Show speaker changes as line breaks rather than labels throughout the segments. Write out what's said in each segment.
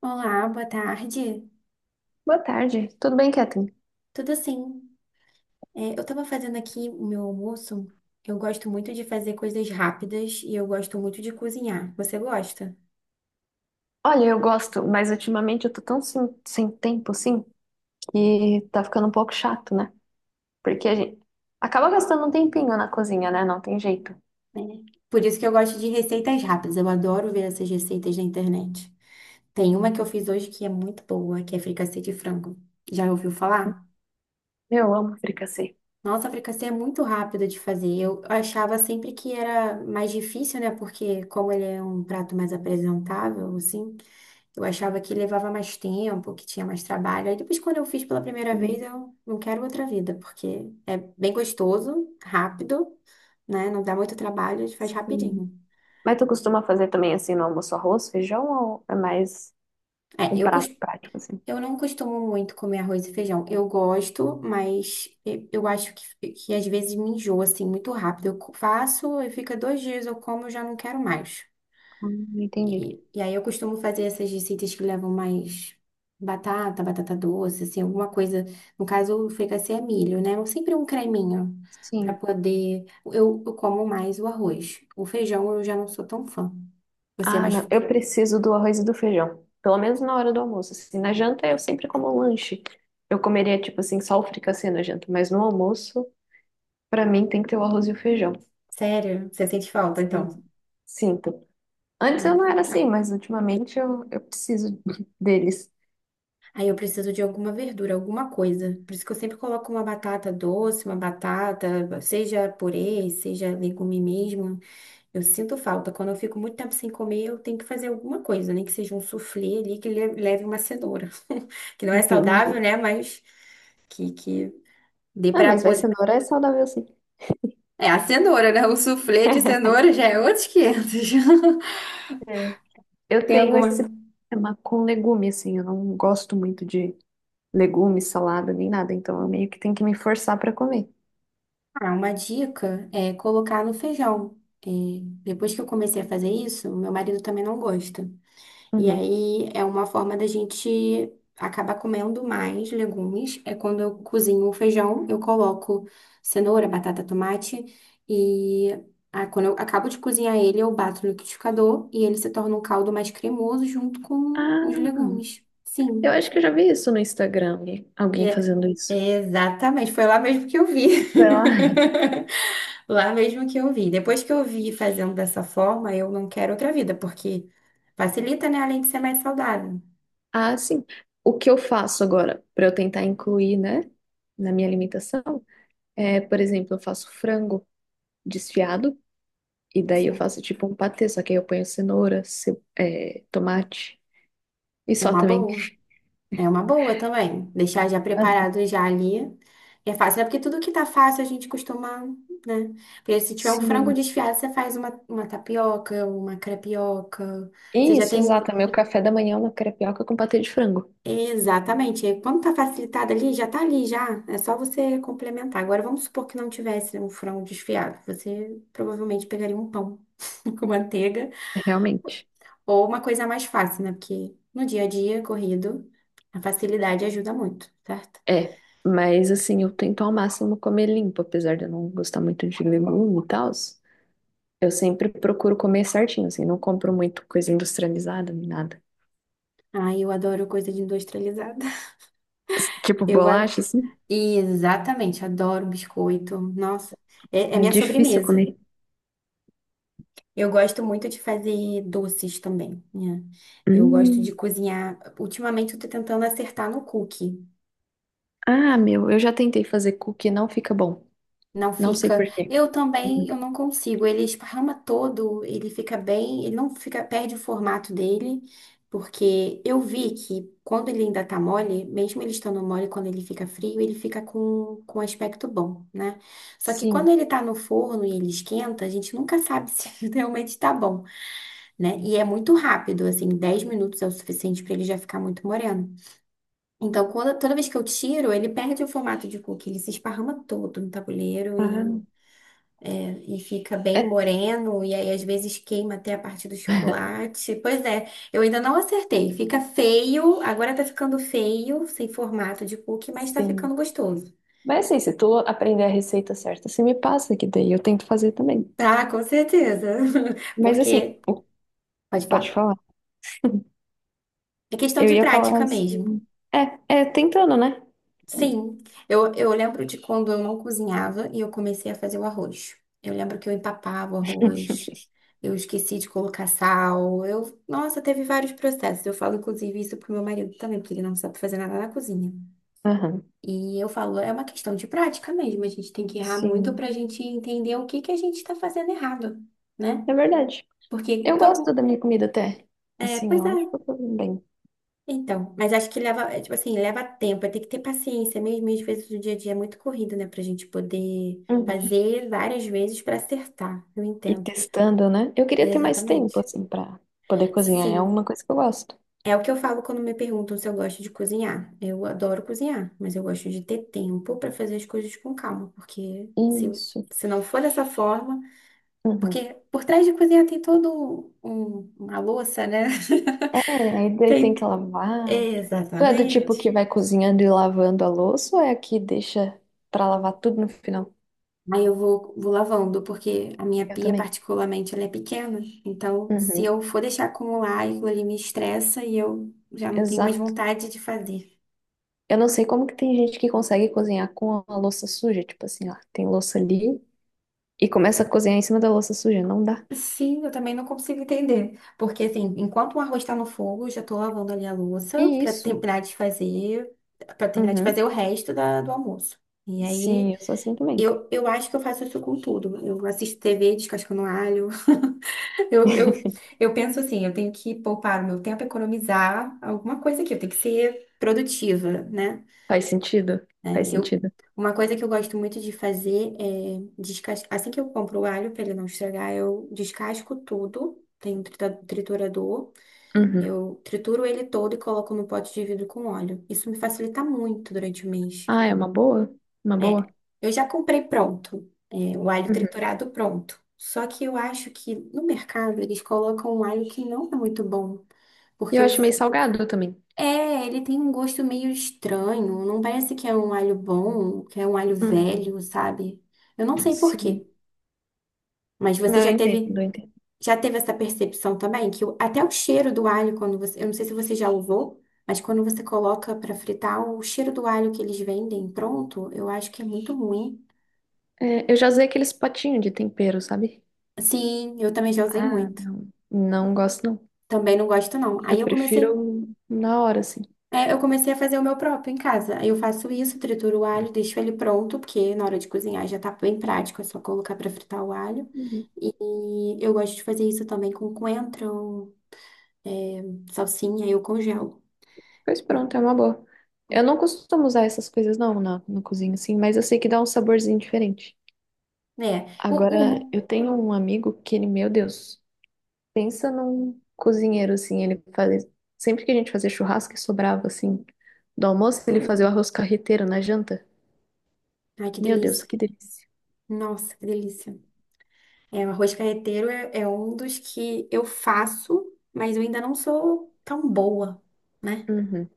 Olá, boa tarde.
Boa tarde, tudo bem, Catherine?
Tudo sim. É, eu estava fazendo aqui o meu almoço. Eu gosto muito de fazer coisas rápidas e eu gosto muito de cozinhar. Você gosta?
Olha, eu gosto, mas ultimamente eu tô tão sem tempo assim que tá ficando um pouco chato, né? Porque a gente acaba gastando um tempinho na cozinha, né? Não tem jeito.
É. Por isso que eu gosto de receitas rápidas. Eu adoro ver essas receitas na internet. Tem uma que eu fiz hoje que é muito boa, que é fricassê de frango. Já ouviu falar?
Eu amo fricassê.
Nossa, fricassê é muito rápido de fazer. Eu achava sempre que era mais difícil, né? Porque como ele é um prato mais apresentável, assim. Eu achava que levava mais tempo, que tinha mais trabalho. Aí depois, quando eu fiz pela primeira vez,
Sim,
eu não quero outra vida, porque é bem gostoso, rápido, né? Não dá muito trabalho, a gente faz
sim.
rapidinho.
Mas tu costuma fazer também assim no almoço arroz, feijão ou é mais
É,
um prato prático assim?
eu não costumo muito comer arroz e feijão. Eu gosto, mas eu acho que às vezes me enjoa, assim, muito rápido. Faço e fica 2 dias, eu como, eu já não quero mais.
Entendi.
E aí eu costumo fazer essas receitas que levam mais batata, batata doce, assim, alguma coisa. No caso, o fricassê é milho, né? Sempre um creminho para
Sim.
poder. Eu como mais o arroz. O feijão eu já não sou tão fã. Você é
Ah,
mais.
não, eu preciso do arroz e do feijão, pelo menos na hora do almoço. Assim, na janta eu sempre como um lanche. Eu comeria tipo assim só o fricassê na janta, mas no almoço pra mim tem que ter o arroz e o feijão.
Sério? Você sente falta,
Sim,
então?
sinto. Antes eu
É.
não era assim, mas ultimamente eu preciso deles.
Aí eu preciso de alguma verdura, alguma coisa. Por isso que eu sempre coloco uma batata doce, uma batata, seja purê, seja legume mesmo. Eu sinto falta. Quando eu fico muito tempo sem comer, eu tenho que fazer alguma coisa, nem que seja um suflê ali que leve uma cenoura. Que não é saudável,
Entendi.
né? Mas que dê
Ah,
pra
mas vai,
poder.
cenoura é saudável sim.
É, a cenoura, né? O suflê de cenoura já é outros 500.
É. Eu
Tem
tenho
alguma.
esse problema com legume, assim, eu não gosto muito de legume, salada, nem nada, então eu meio que tenho que me forçar pra comer.
Ah, uma dica é colocar no feijão. É, depois que eu comecei a fazer isso, meu marido também não gosta. E
Uhum.
aí é uma forma da gente acabar comendo mais legumes. É quando eu cozinho o feijão, eu coloco cenoura, batata, tomate e ah, quando eu acabo de cozinhar ele, eu bato no liquidificador e ele se torna um caldo mais cremoso junto com
Ah,
os legumes.
eu
Sim.
acho que eu já vi isso no Instagram, alguém
É-
fazendo isso.
Exatamente, foi lá mesmo que eu vi.
Sei lá.
Lá mesmo que eu vi. Depois que eu vi fazendo dessa forma, eu não quero outra vida, porque facilita, né? Além de ser mais saudável.
Ah, sim. O que eu faço agora pra eu tentar incluir, né, na minha alimentação? É, por exemplo, eu faço frango desfiado e daí eu
Sim.
faço tipo um patê, só que aí eu ponho cenoura, é, tomate e
É
só
uma
também.
boa. É uma boa também. Deixar já
Aham.
preparado já ali. É fácil, né? Porque tudo que tá fácil a gente costuma, né? Porque se tiver um frango
Sim.
desfiado, você faz uma tapioca, uma crepioca. Você já
Isso,
tem.
exato. Meu café da manhã é uma crepioca com patê de frango.
Exatamente. E quando tá facilitado ali, já tá ali, já. É só você complementar. Agora, vamos supor que não tivesse um frango desfiado. Você provavelmente pegaria um pão com manteiga
Realmente.
ou uma coisa mais fácil, né? Porque no dia a dia, corrido, a facilidade ajuda muito, certo?
É. Mas assim, eu tento ao máximo comer limpo, apesar de eu não gostar muito de legume e tal. Eu sempre procuro comer certinho, assim, não compro muito coisa industrializada nem nada.
Ai, eu adoro coisa de industrializada.
Tipo
Eu a-
bolacha, assim,
e exatamente, adoro biscoito. Nossa, é
é
minha
difícil
sobremesa.
comer.
Eu gosto muito de fazer doces também, né? Eu gosto de
Hum.
cozinhar. Ultimamente eu tô tentando acertar no cookie.
Ah, meu, eu já tentei fazer cookie, não fica bom.
Não
Não sei
fica.
por quê.
Eu também,
Uhum.
eu não consigo. Ele esparrama todo, ele fica bem, ele não fica, perde o formato dele, porque eu vi que quando ele ainda tá mole, mesmo ele estando mole, quando ele fica frio, ele fica com um aspecto bom, né? Só que quando
Sim,
ele tá no forno e ele esquenta, a gente nunca sabe se realmente tá bom, né? E é muito rápido, assim, 10 minutos é o suficiente para ele já ficar muito moreno. Então, quando, toda vez que eu tiro, ele perde o formato de cookie, ele se esparrama todo no tabuleiro
ah,
e fica bem
é,
moreno, e aí às vezes queima até a parte do chocolate. Pois é, eu ainda não acertei. Fica feio, agora tá ficando feio, sem formato de cookie, mas tá
sim.
ficando gostoso.
Mas assim, se tu aprender a receita certa, você me passa que daí eu tento fazer também.
Tá, com certeza.
Mas assim,
Porque, pode
pode
falar,
falar.
é questão
Eu
de
ia falar
prática mesmo.
assim. É, é tentando, né?
Sim, eu lembro de quando eu não cozinhava e eu comecei a fazer o arroz. Eu lembro que eu empapava o arroz, eu esqueci de colocar sal, eu... Nossa, teve vários processos. Eu falo, inclusive, isso pro meu marido também, porque ele não sabe fazer nada na cozinha.
Aham.
E eu falo, é uma questão de prática mesmo, a gente tem que errar muito
Sim,
pra gente entender o que que a gente tá fazendo errado, né?
é verdade.
Porque
Eu gosto da
todo...
minha comida até.
É,
Assim,
pois
eu
é.
acho que eu tô bem.
Então, mas acho que leva, é, tipo assim, leva tempo, tem que ter paciência mesmo, e às vezes o dia a dia é muito corrido, né, pra gente poder
Uhum.
fazer várias vezes pra acertar, eu
E
entendo.
testando, né? Eu queria ter mais tempo,
Exatamente.
assim, pra poder cozinhar. É
Sim,
uma coisa que eu gosto.
é o que eu falo quando me perguntam se eu gosto de cozinhar. Eu adoro cozinhar, mas eu gosto de ter tempo pra fazer as coisas com calma, porque se,
Isso.
se não for dessa forma,
Uhum.
porque por trás de cozinhar tem todo uma louça, né?
É, aí daí tem que
Tem,
lavar. Tu é do tipo
exatamente.
que vai cozinhando e lavando a louça ou é a que deixa pra lavar tudo no final?
Aí eu vou lavando, porque a minha
Eu
pia,
também.
particularmente, ela é pequena. Então, se
Uhum,
eu for deixar acumular, aquilo ali me estressa e eu já não tenho mais
exato.
vontade de fazer.
Eu não sei como que tem gente que consegue cozinhar com a louça suja, tipo assim, ó, tem louça ali e começa a cozinhar em cima da louça suja, não dá.
Sim, eu também não consigo entender. Porque, assim, enquanto o arroz está no fogo, eu já tô lavando ali a louça
E isso.
para terminar de
Uhum.
fazer o resto do almoço. E aí,
Sim, eu sou assim também.
eu acho que eu faço isso com tudo. Eu assisto TV, descascando alho. Eu, eu, eu penso assim, eu tenho que poupar o meu tempo, economizar alguma coisa aqui, eu tenho que ser produtiva, né?
Faz sentido, faz
É,
sentido.
uma coisa que eu gosto muito de fazer é descascar. Assim que eu compro o alho para ele não estragar, eu descasco tudo. Tem um triturador,
Uhum.
eu trituro ele todo e coloco no pote de vidro com óleo. Isso me facilita muito durante o mês.
Ah, é uma boa, uma boa.
É, eu já comprei pronto, o alho
Uhum.
triturado pronto. Só que eu acho que no mercado eles colocam um alho que não é muito bom,
E
porque
eu acho meio salgado também.
ele tem um gosto meio estranho, não parece que é um alho bom, que é um alho
Uhum.
velho, sabe? Eu não sei por
Sim.
quê, mas você
Não, eu entendo, eu entendo.
já teve essa percepção também até o cheiro do alho quando você, eu não sei se você já usou, mas quando você coloca para fritar, o cheiro do alho que eles vendem pronto, eu acho que é muito ruim.
É, eu já usei aqueles potinhos de tempero, sabe?
Sim, eu também já usei
Ah,
muito.
não. Não gosto, não.
Também não gosto, não.
Eu
Aí
prefiro na hora, assim.
eu comecei a fazer o meu próprio em casa. Aí eu faço isso, trituro o alho, deixo ele pronto, porque na hora de cozinhar já tá bem prático, é só colocar pra fritar o alho.
Uhum.
E eu gosto de fazer isso também com coentro, é, salsinha, eu congelo.
Pois pronto, é uma boa. Eu não costumo usar essas coisas, não, no cozinho, assim, mas eu sei que dá um saborzinho diferente.
É, o,
Agora,
o...
eu tenho um amigo que ele, meu Deus, pensa num cozinheiro, assim, ele fazia... Sempre que a gente fazia churrasco e sobrava, assim, do almoço, ele fazia o arroz carreteiro na janta.
Ai, que
Meu Deus,
delícia.
que delícia.
Nossa, que delícia. É, o arroz carreteiro é um dos que eu faço, mas eu ainda não sou tão boa, né?
Uhum.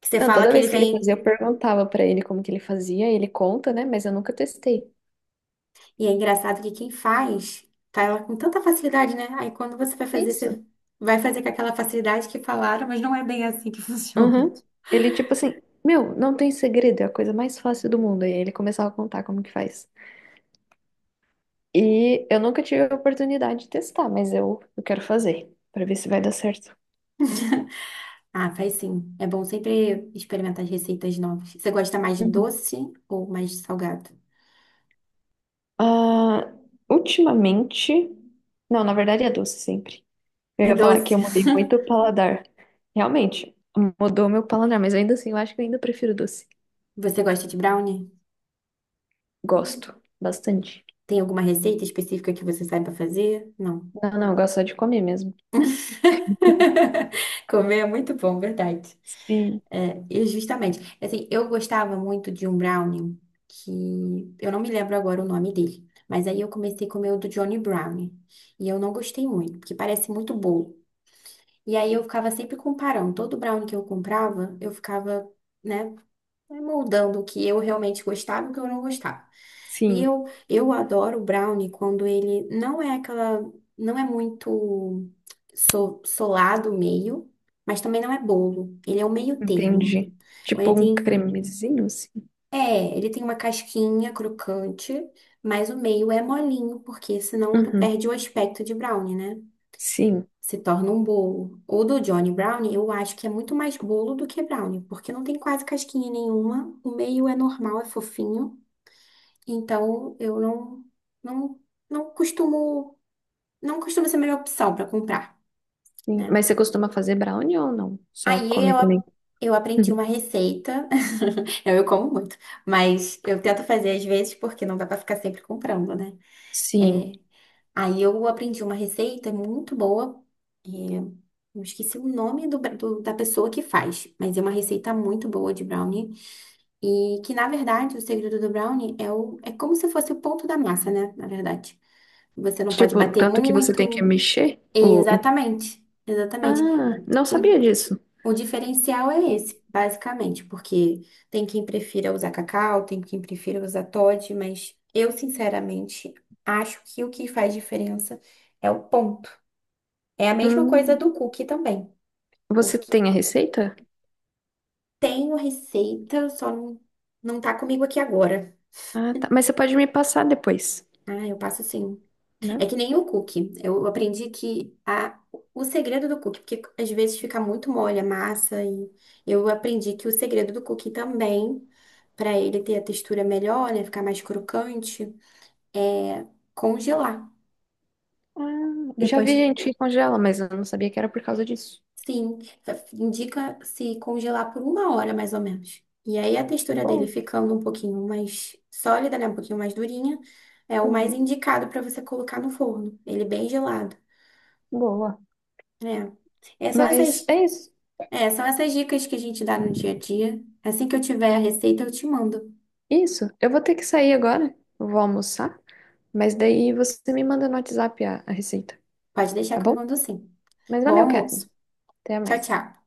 Que você
Não,
fala
toda
que ele
vez que ele fazia,
vem.
eu perguntava pra ele como que ele fazia, ele conta, né? Mas eu nunca testei.
E é engraçado que quem faz, tá ela com tanta facilidade, né? Aí quando
Isso.
você vai fazer com aquela facilidade que falaram, mas não é bem assim que funciona.
Uhum. Ele, tipo assim, meu, não tem segredo, é a coisa mais fácil do mundo. E aí ele começava a contar como que faz. E eu nunca tive a oportunidade de testar, mas eu quero fazer, pra ver se vai dar certo.
Ah, faz sim. É bom sempre experimentar as receitas novas. Você gosta mais de
Uhum.
doce ou mais de salgado?
Ah, ultimamente. Não, na verdade é doce sempre. Eu
É
ia falar que
doce.
eu mudei muito o paladar. Realmente, mudou meu paladar, mas ainda assim, eu acho que eu ainda prefiro doce.
Você gosta de brownie?
Gosto bastante.
Tem alguma receita específica que você saiba fazer? Não.
Não, não, eu gosto só de comer mesmo.
Comer é muito bom, verdade.
Sim,
É, e justamente. Assim, eu gostava muito de um brownie que eu não me lembro agora o nome dele, mas aí eu comecei a comer o do Johnny Brownie e eu não gostei muito, porque parece muito bolo. E aí eu ficava sempre comparando, todo brownie que eu comprava, eu ficava, né? Vai moldando o que eu realmente gostava e o que eu não gostava. E
sim,
eu adoro o brownie quando ele não é aquela, não é muito solado o meio, mas também não é bolo. Ele é o meio termo.
entendi.
Quando
Tipo
ele
um
tem,
cremezinho, assim.
é, ele tem uma casquinha crocante, mas o meio é molinho, porque senão tu
Uhum,
perde o aspecto de brownie, né?
sim,
Se torna um bolo. O do Johnny Brownie, eu acho que é muito mais bolo do que brownie, porque não tem quase casquinha nenhuma, o meio é normal, é fofinho, então eu não não não costumo não costuma ser a melhor opção para comprar,
sim.
né?
Mas você costuma fazer brownie ou não? Só
Aí
come
eu a-
também?
eu aprendi uma
Uhum.
receita. Eu como muito, mas eu tento fazer às vezes porque não dá para ficar sempre comprando, né?
Sim.
É, aí eu aprendi uma receita muito boa. Eu esqueci o nome da pessoa que faz, mas é uma receita muito boa de brownie. E que, na verdade, o segredo do brownie é como se fosse o ponto da massa, né? Na verdade. Você não pode
Tipo,
bater
tanto que você tem que
muito.
mexer o.
Exatamente, exatamente.
Ah, não
O,
sabia disso.
o diferencial é esse, basicamente, porque tem quem prefira usar cacau, tem quem prefira usar Toddy, mas eu, sinceramente, acho que o que faz diferença é o ponto. É a mesma coisa
Hum,
do cookie também.
Você tem a receita?
Tenho receita, só não, não tá comigo aqui agora.
Ah, tá. Mas você pode me passar depois,
Ah, eu passo sim.
né?
É que nem o cookie. Eu aprendi que o segredo do cookie, porque às vezes fica muito mole a massa, e eu aprendi que o segredo do cookie também, para ele ter a textura melhor, né, ficar mais crocante, é congelar.
Ah, já
Depois,
vi gente que congela, mas eu não sabia que era por causa disso.
sim, indica se congelar por uma hora mais ou menos. E aí a textura dele
Boa.
ficando um pouquinho mais sólida, né? Um pouquinho mais durinha, é o mais
Uhum.
indicado para você colocar no forno. Ele bem gelado,
Boa.
né? É, são
Mas
essas,
é isso.
São essas dicas que a gente dá no dia a dia. Assim que eu tiver a receita, eu te mando.
Isso, eu vou ter que sair agora, eu vou almoçar, mas daí você me manda no WhatsApp a receita,
Pode deixar
tá
que eu
bom?
mando sim.
Mas
Bom
valeu, Catherine.
almoço.
Até
Tchau,
mais.
tchau.